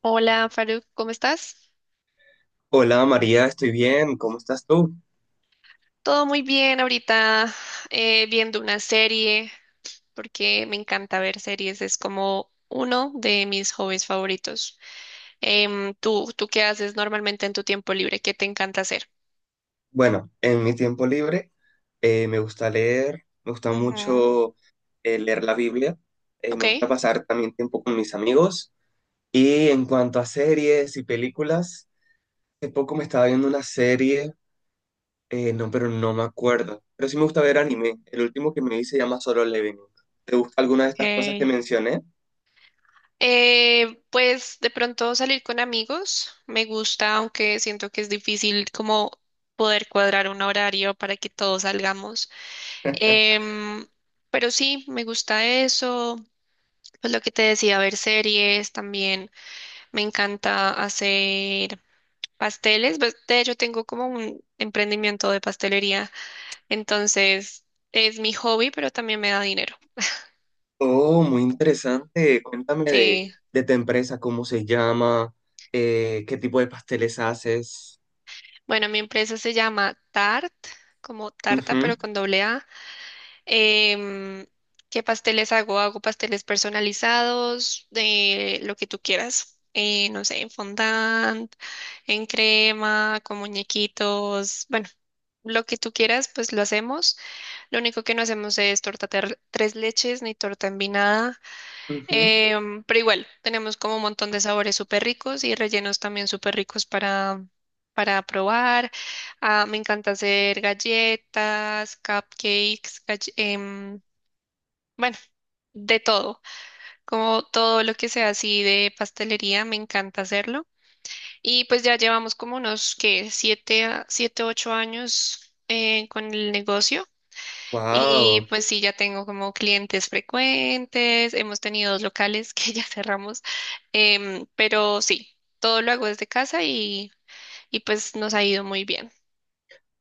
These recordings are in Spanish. Hola, Faruk, ¿cómo estás? Hola María, estoy bien, ¿cómo estás tú? Todo muy bien ahorita, viendo una serie porque me encanta ver series, es como uno de mis hobbies favoritos. ¿Tú qué haces normalmente en tu tiempo libre? ¿Qué te encanta hacer? Bueno, en mi tiempo libre, me gusta leer, me gusta Ujú. mucho leer la Biblia. Me gusta Ok. pasar también tiempo con mis amigos y en cuanto a series y películas, hace poco me estaba viendo una serie, no, pero no me acuerdo. Pero sí me gusta ver anime, el último que me vi se llama Solo Leveling. ¿Te gusta alguna de estas cosas que Ok. mencioné? Pues de pronto salir con amigos me gusta, aunque siento que es difícil como poder cuadrar un horario para que todos salgamos. Em, pero sí, me gusta eso. Pues lo que te decía, ver series también. Me encanta hacer pasteles. Pues, de hecho, tengo como un emprendimiento de pastelería. Entonces, es mi hobby, pero también me da dinero. Oh, muy interesante. Cuéntame de, Sí. de tu empresa, cómo se llama, qué tipo de pasteles haces. Bueno, mi empresa se llama Tart, como tarta, Ujú, pero con doble A. Em, ¿Qué pasteles hago? Hago pasteles personalizados, de lo que tú quieras. No sé, en fondant, en crema, con muñequitos, bueno, lo que tú quieras, pues lo hacemos. Lo único que no hacemos es torta tres leches ni torta en… ujú. Pero igual, tenemos como un montón de sabores súper ricos y rellenos también súper ricos para probar. Ah, me encanta hacer galletas, cupcakes, bueno, de todo. Como todo lo que sea así de pastelería, me encanta hacerlo. Y pues ya llevamos como unos, que siete, siete, ocho años con el negocio. Y Wow. pues sí, ya tengo como clientes frecuentes, hemos tenido dos locales que ya cerramos, pero sí, todo lo hago desde casa y pues nos ha ido muy bien.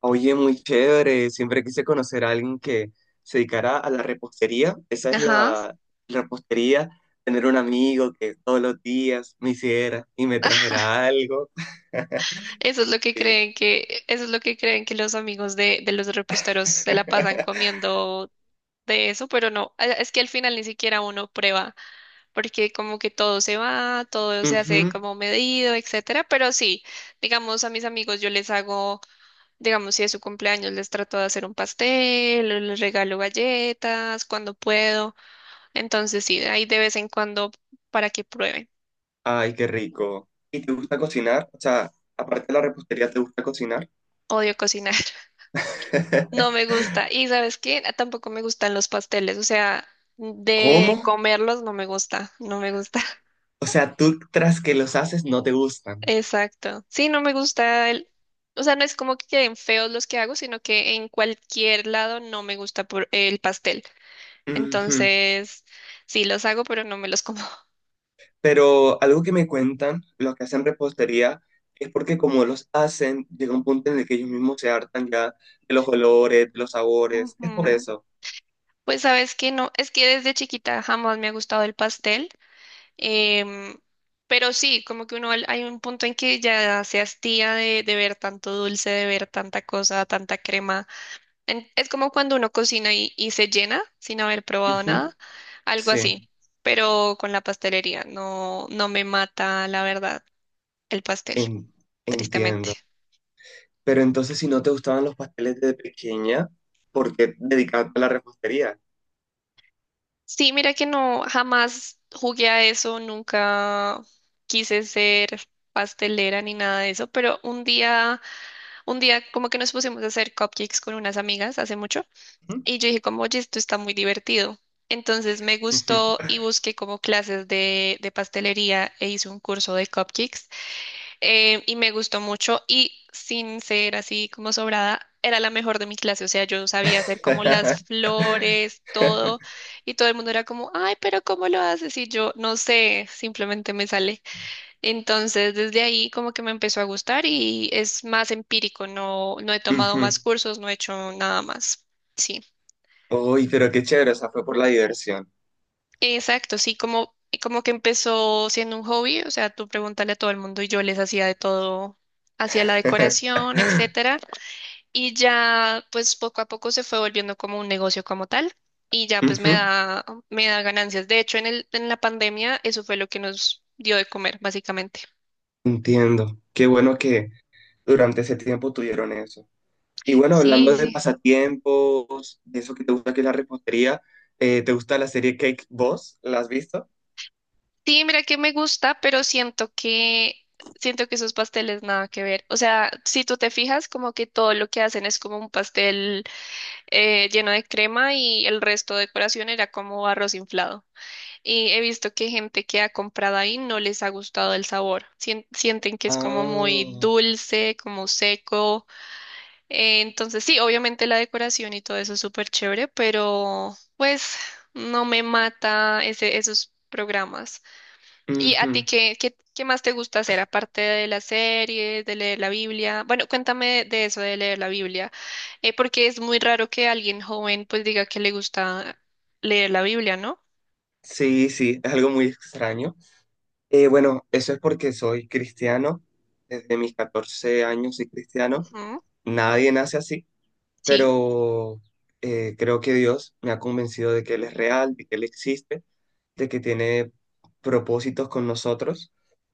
Oye, muy chévere. Siempre quise conocer a alguien que se dedicara a la repostería. Esa es Ajá, la repostería. Tener un amigo que todos los días me hiciera y me trajera algo. Sí. Eso es lo que creen, que los amigos de los reposteros se la pasan comiendo de eso, pero no, es que al final ni siquiera uno prueba, porque como que todo se va, todo se hace Ujú. como medido, etcétera, pero sí, digamos, a mis amigos yo les hago… Digamos, si es su cumpleaños, les trato de hacer un pastel, o les regalo galletas cuando puedo. Entonces, sí, ahí de vez en cuando para que prueben. Ay, qué rico. ¿Y te gusta cocinar? O sea, aparte de la repostería, ¿te gusta cocinar? Odio cocinar, no me gusta. Y ¿sabes qué? Tampoco me gustan los pasteles, o sea, ¿Cómo? de comerlos no me gusta, no me gusta. O sea, tú tras que los haces no te gustan. Exacto. Sí, no me gusta el… O sea, no es como que queden feos los que hago, sino que en cualquier lado no me gusta por el pastel. Ujú. Entonces, sí los hago, pero no me los como. Pero algo que me cuentan los que hacen repostería es porque como los hacen, llega un punto en el que ellos mismos se hartan ya de los olores, de los sabores. Es por Ujú. eso. Pues sabes que no, es que desde chiquita jamás me ha gustado el pastel, em, pero sí, como que uno hay un punto en que ya se hastía de ver tanto dulce, de ver tanta cosa, tanta crema. Es como cuando uno cocina y se llena sin haber probado Ujú. nada, algo así, Sí, pero con la pastelería, no, no me mata la verdad el pastel, en- tristemente. entiendo. Pero entonces si no te gustaban los pasteles de pequeña, ¿por qué dedicarte a la repostería? Sí, mira que no, jamás jugué a eso, nunca quise ser pastelera ni nada de eso, pero un día como que nos pusimos a hacer cupcakes con unas amigas hace mucho Ujú. y yo dije como, oye, esto está muy divertido. Entonces me Ujú. gustó y busqué como clases de pastelería e hice un curso de cupcakes, y me gustó mucho y sin ser así como sobrada, era la mejor de mi clase, o sea, yo sabía hacer como las flores, todo, y todo el mundo era como, ay, pero ¿cómo lo haces? Y yo no sé, simplemente me sale. Entonces, desde ahí como que me empezó a gustar y es más empírico, no, no he tomado más Ujú. cursos, no he hecho nada más. Sí, Uy, pero qué chévere, o sea, fue por la diversión. exacto, sí, como, como que empezó siendo un hobby, o sea, tú pregúntale a todo el mundo y yo les hacía de todo, hacía la decoración, etcétera. Y ya, pues poco a poco se fue volviendo como un negocio como tal. Y ya, pues Ujú, me da ganancias. De hecho, en el, en la pandemia, eso fue lo que nos dio de comer, básicamente. Entiendo. Qué bueno que durante ese tiempo tuvieron eso. Y bueno, Sí, hablando de sí. pasatiempos, de eso que te gusta que es la repostería, ¿te gusta la serie Cake Boss? ¿La has visto? Sí, mira que me gusta, pero siento que esos pasteles nada que ver. O sea, si tú te fijas, como que todo lo que hacen es como un pastel lleno de crema y el resto de decoración era como arroz inflado. Y he visto que gente que ha comprado ahí no les ha gustado el sabor. Sienten que es como muy Ah, dulce, como seco. Entonces, sí, obviamente la decoración y todo eso es súper chévere, pero pues no me mata ese, esos programas. ¿Y a ti ujú. qué, qué, qué más te gusta hacer aparte de las series, de leer la Biblia? Bueno, cuéntame de eso de leer la Biblia, porque es muy raro que alguien joven pues diga que le gusta leer la Biblia, ¿no? Sí, sí, es algo muy extraño. Bueno, eso es porque soy cristiano, desde mis 14 años soy cristiano. Ujú. Nadie nace así, Sí. pero creo que Dios me ha convencido de que Él es real, de que Él existe, de que tiene propósitos con nosotros.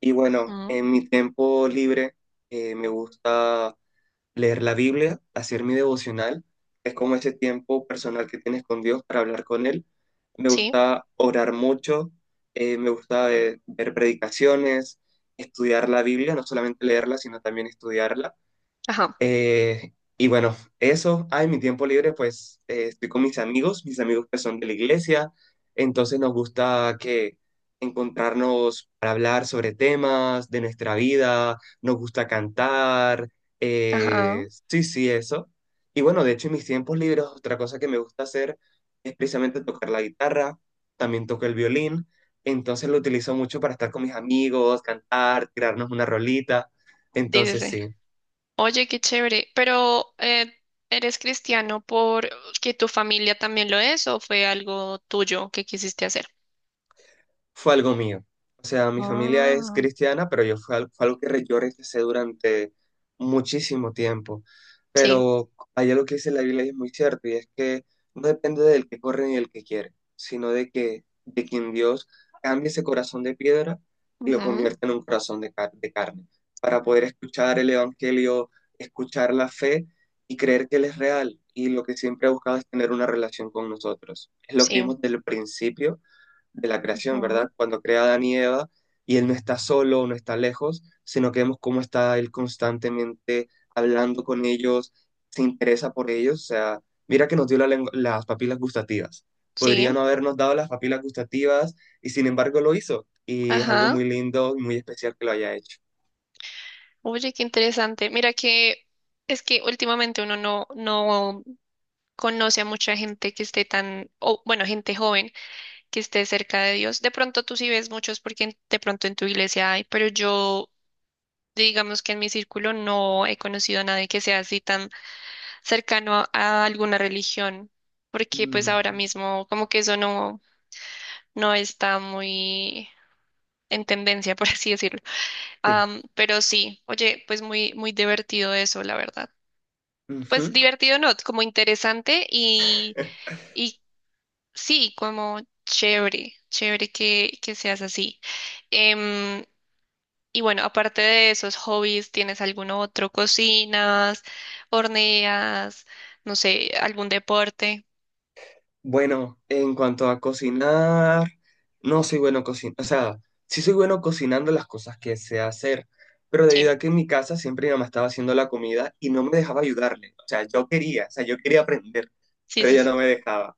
Y bueno, en mi tiempo libre, me gusta leer la Biblia, hacer mi devocional. Es como ese tiempo personal que tienes con Dios para hablar con Él. Me Sí, gusta orar mucho, me gusta ver predicaciones, estudiar la Biblia, no solamente leerla, sino también estudiarla. ajá, Eh, y bueno, eso, en mi tiempo libre, pues estoy con mis amigos que son de la iglesia. Entonces nos gusta que encontrarnos para hablar sobre temas de nuestra vida, nos gusta cantar, ajá. Sí, sí, eso. Y bueno, de hecho, en mis tiempos libres, otra cosa que me gusta hacer es precisamente tocar la guitarra, también toco el violín, entonces lo utilizo mucho para estar con mis amigos, cantar, tirarnos una rolita, Sí, entonces sí, sí. sí. Oye, qué chévere. Pero, ¿eres cristiano por que tu familia también lo es o fue algo tuyo que quisiste hacer? Fue algo mío. O sea, mi familia es Ah, cristiana, pero yo fue, fue algo que yo rechacé durante muchísimo tiempo. sí, Pero allá lo que dice la Biblia y es muy cierto, y es que no depende del que corre ni del que quiere, sino de que de quien Dios cambie ese corazón de piedra y lo ujú, convierta en un corazón de carne, para poder escuchar el Evangelio, escuchar la fe y creer que Él es real. Y lo que siempre ha buscado es tener una relación con nosotros. Es lo que sí, vimos del principio de la creación, ujú, ¿verdad? Cuando crea a Adán y Eva, y él no está solo, no está lejos, sino que vemos cómo está él constantemente hablando con ellos, se interesa por ellos. O sea, mira que nos dio la las papilas gustativas. Podría sí, no habernos dado las papilas gustativas y sin embargo lo hizo. Y es algo ajá. muy lindo y muy especial que lo haya hecho. Oye, qué interesante. Mira que es que últimamente uno no, no conoce a mucha gente que esté tan, o bueno, gente joven que esté cerca de Dios. De pronto tú sí ves muchos porque de pronto en tu iglesia hay, pero yo… Digamos que en mi círculo no he conocido a nadie que sea así tan cercano a alguna religión, porque pues Mm, ahora mismo como que eso no, no está muy en tendencia, por así decirlo. sí. Pero sí, oye, pues muy, muy divertido eso, la verdad. Pues Ujú. divertido no, como interesante y sí, como chévere, chévere que seas así. Em, Y bueno, aparte de esos hobbies, ¿tienes algún otro? ¿Cocinas? ¿Horneas? No sé, algún deporte. Bueno, en cuanto a cocinar, no soy bueno cocinando, o sea, sí soy bueno cocinando las cosas que sé hacer, pero debido Sí, a que en mi casa siempre mi mamá estaba haciendo la comida y no me dejaba ayudarle. O sea, yo quería, o sea, yo quería aprender, sí, pero sí, ella sí. no me dejaba.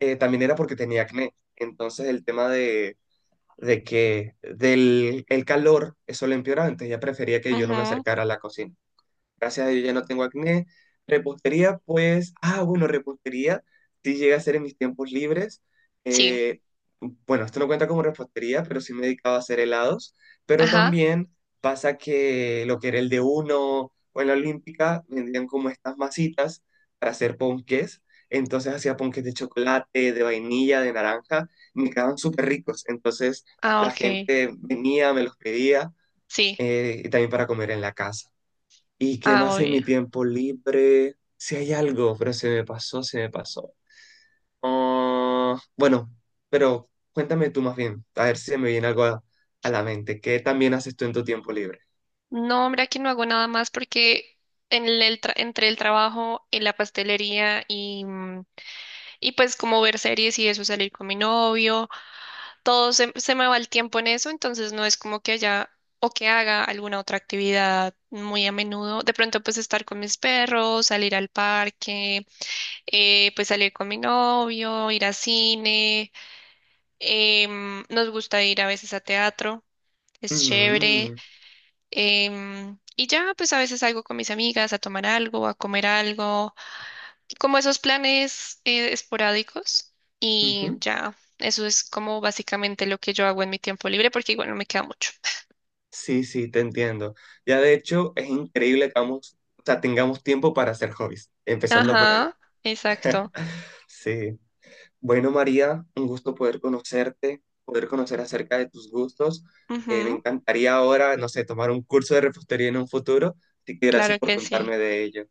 También era porque tenía acné, entonces el tema de que del el calor, eso lo empeoraba, entonces ella prefería que yo no me Ujú. acercara a la cocina. Gracias a Dios ya no tengo acné. Repostería, pues, bueno, repostería sí llega a hacer en mis tiempos libres. Sí, Eh, bueno, esto no cuenta como repostería, pero sí me dedicaba a hacer helados. Pero ajá. también pasa que lo que era el de uno o en la Olímpica vendían como estas masitas para hacer ponques. Entonces hacía ponques de chocolate, de vainilla, de naranja. Y me quedaban súper ricos. Entonces Ah, la ok. gente venía, me los pedía, Sí, y también para comer en la casa. ¿Y qué ah, más en mi obvio. tiempo libre? Si hay algo, pero se me pasó, se me pasó. Ah, bueno, pero cuéntame tú más bien, a ver si se me viene algo a la mente. ¿Qué también haces tú en tu tiempo libre? No, mira que no hago nada más porque en el entre el trabajo, en la pastelería y, mm, y pues como ver series y eso, salir con mi novio. Todo se, se me va el tiempo en eso, entonces no es como que haya o que haga alguna otra actividad muy a menudo. De pronto, pues estar con mis perros, salir al parque, pues salir con mi novio, ir a cine. Nos gusta ir a veces a teatro, es chévere. Mm, Y ya, pues a veces salgo con mis amigas a tomar algo, a comer algo, como esos planes esporádicos. Y ujú. ya, eso es como básicamente lo que yo hago en mi tiempo libre, porque igual no me queda mucho. Sí, sí, te entiendo. Ya de hecho, es increíble que vamos, o sea, tengamos tiempo para hacer hobbies, empezando por ahí. Ajá, exacto. Sí. Bueno, María, un gusto poder conocerte, poder conocer acerca de tus gustos. Me Ujú, encantaría ahora, no sé, tomar un curso de repostería en un futuro, así que gracias claro por que sí. contarme de ello.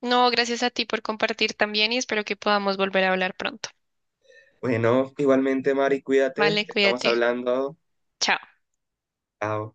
No, gracias a ti por compartir también y espero que podamos volver a hablar pronto. Bueno, igualmente, Mari, cuídate, Vale, estamos cuídate. hablando. Chao. Chao.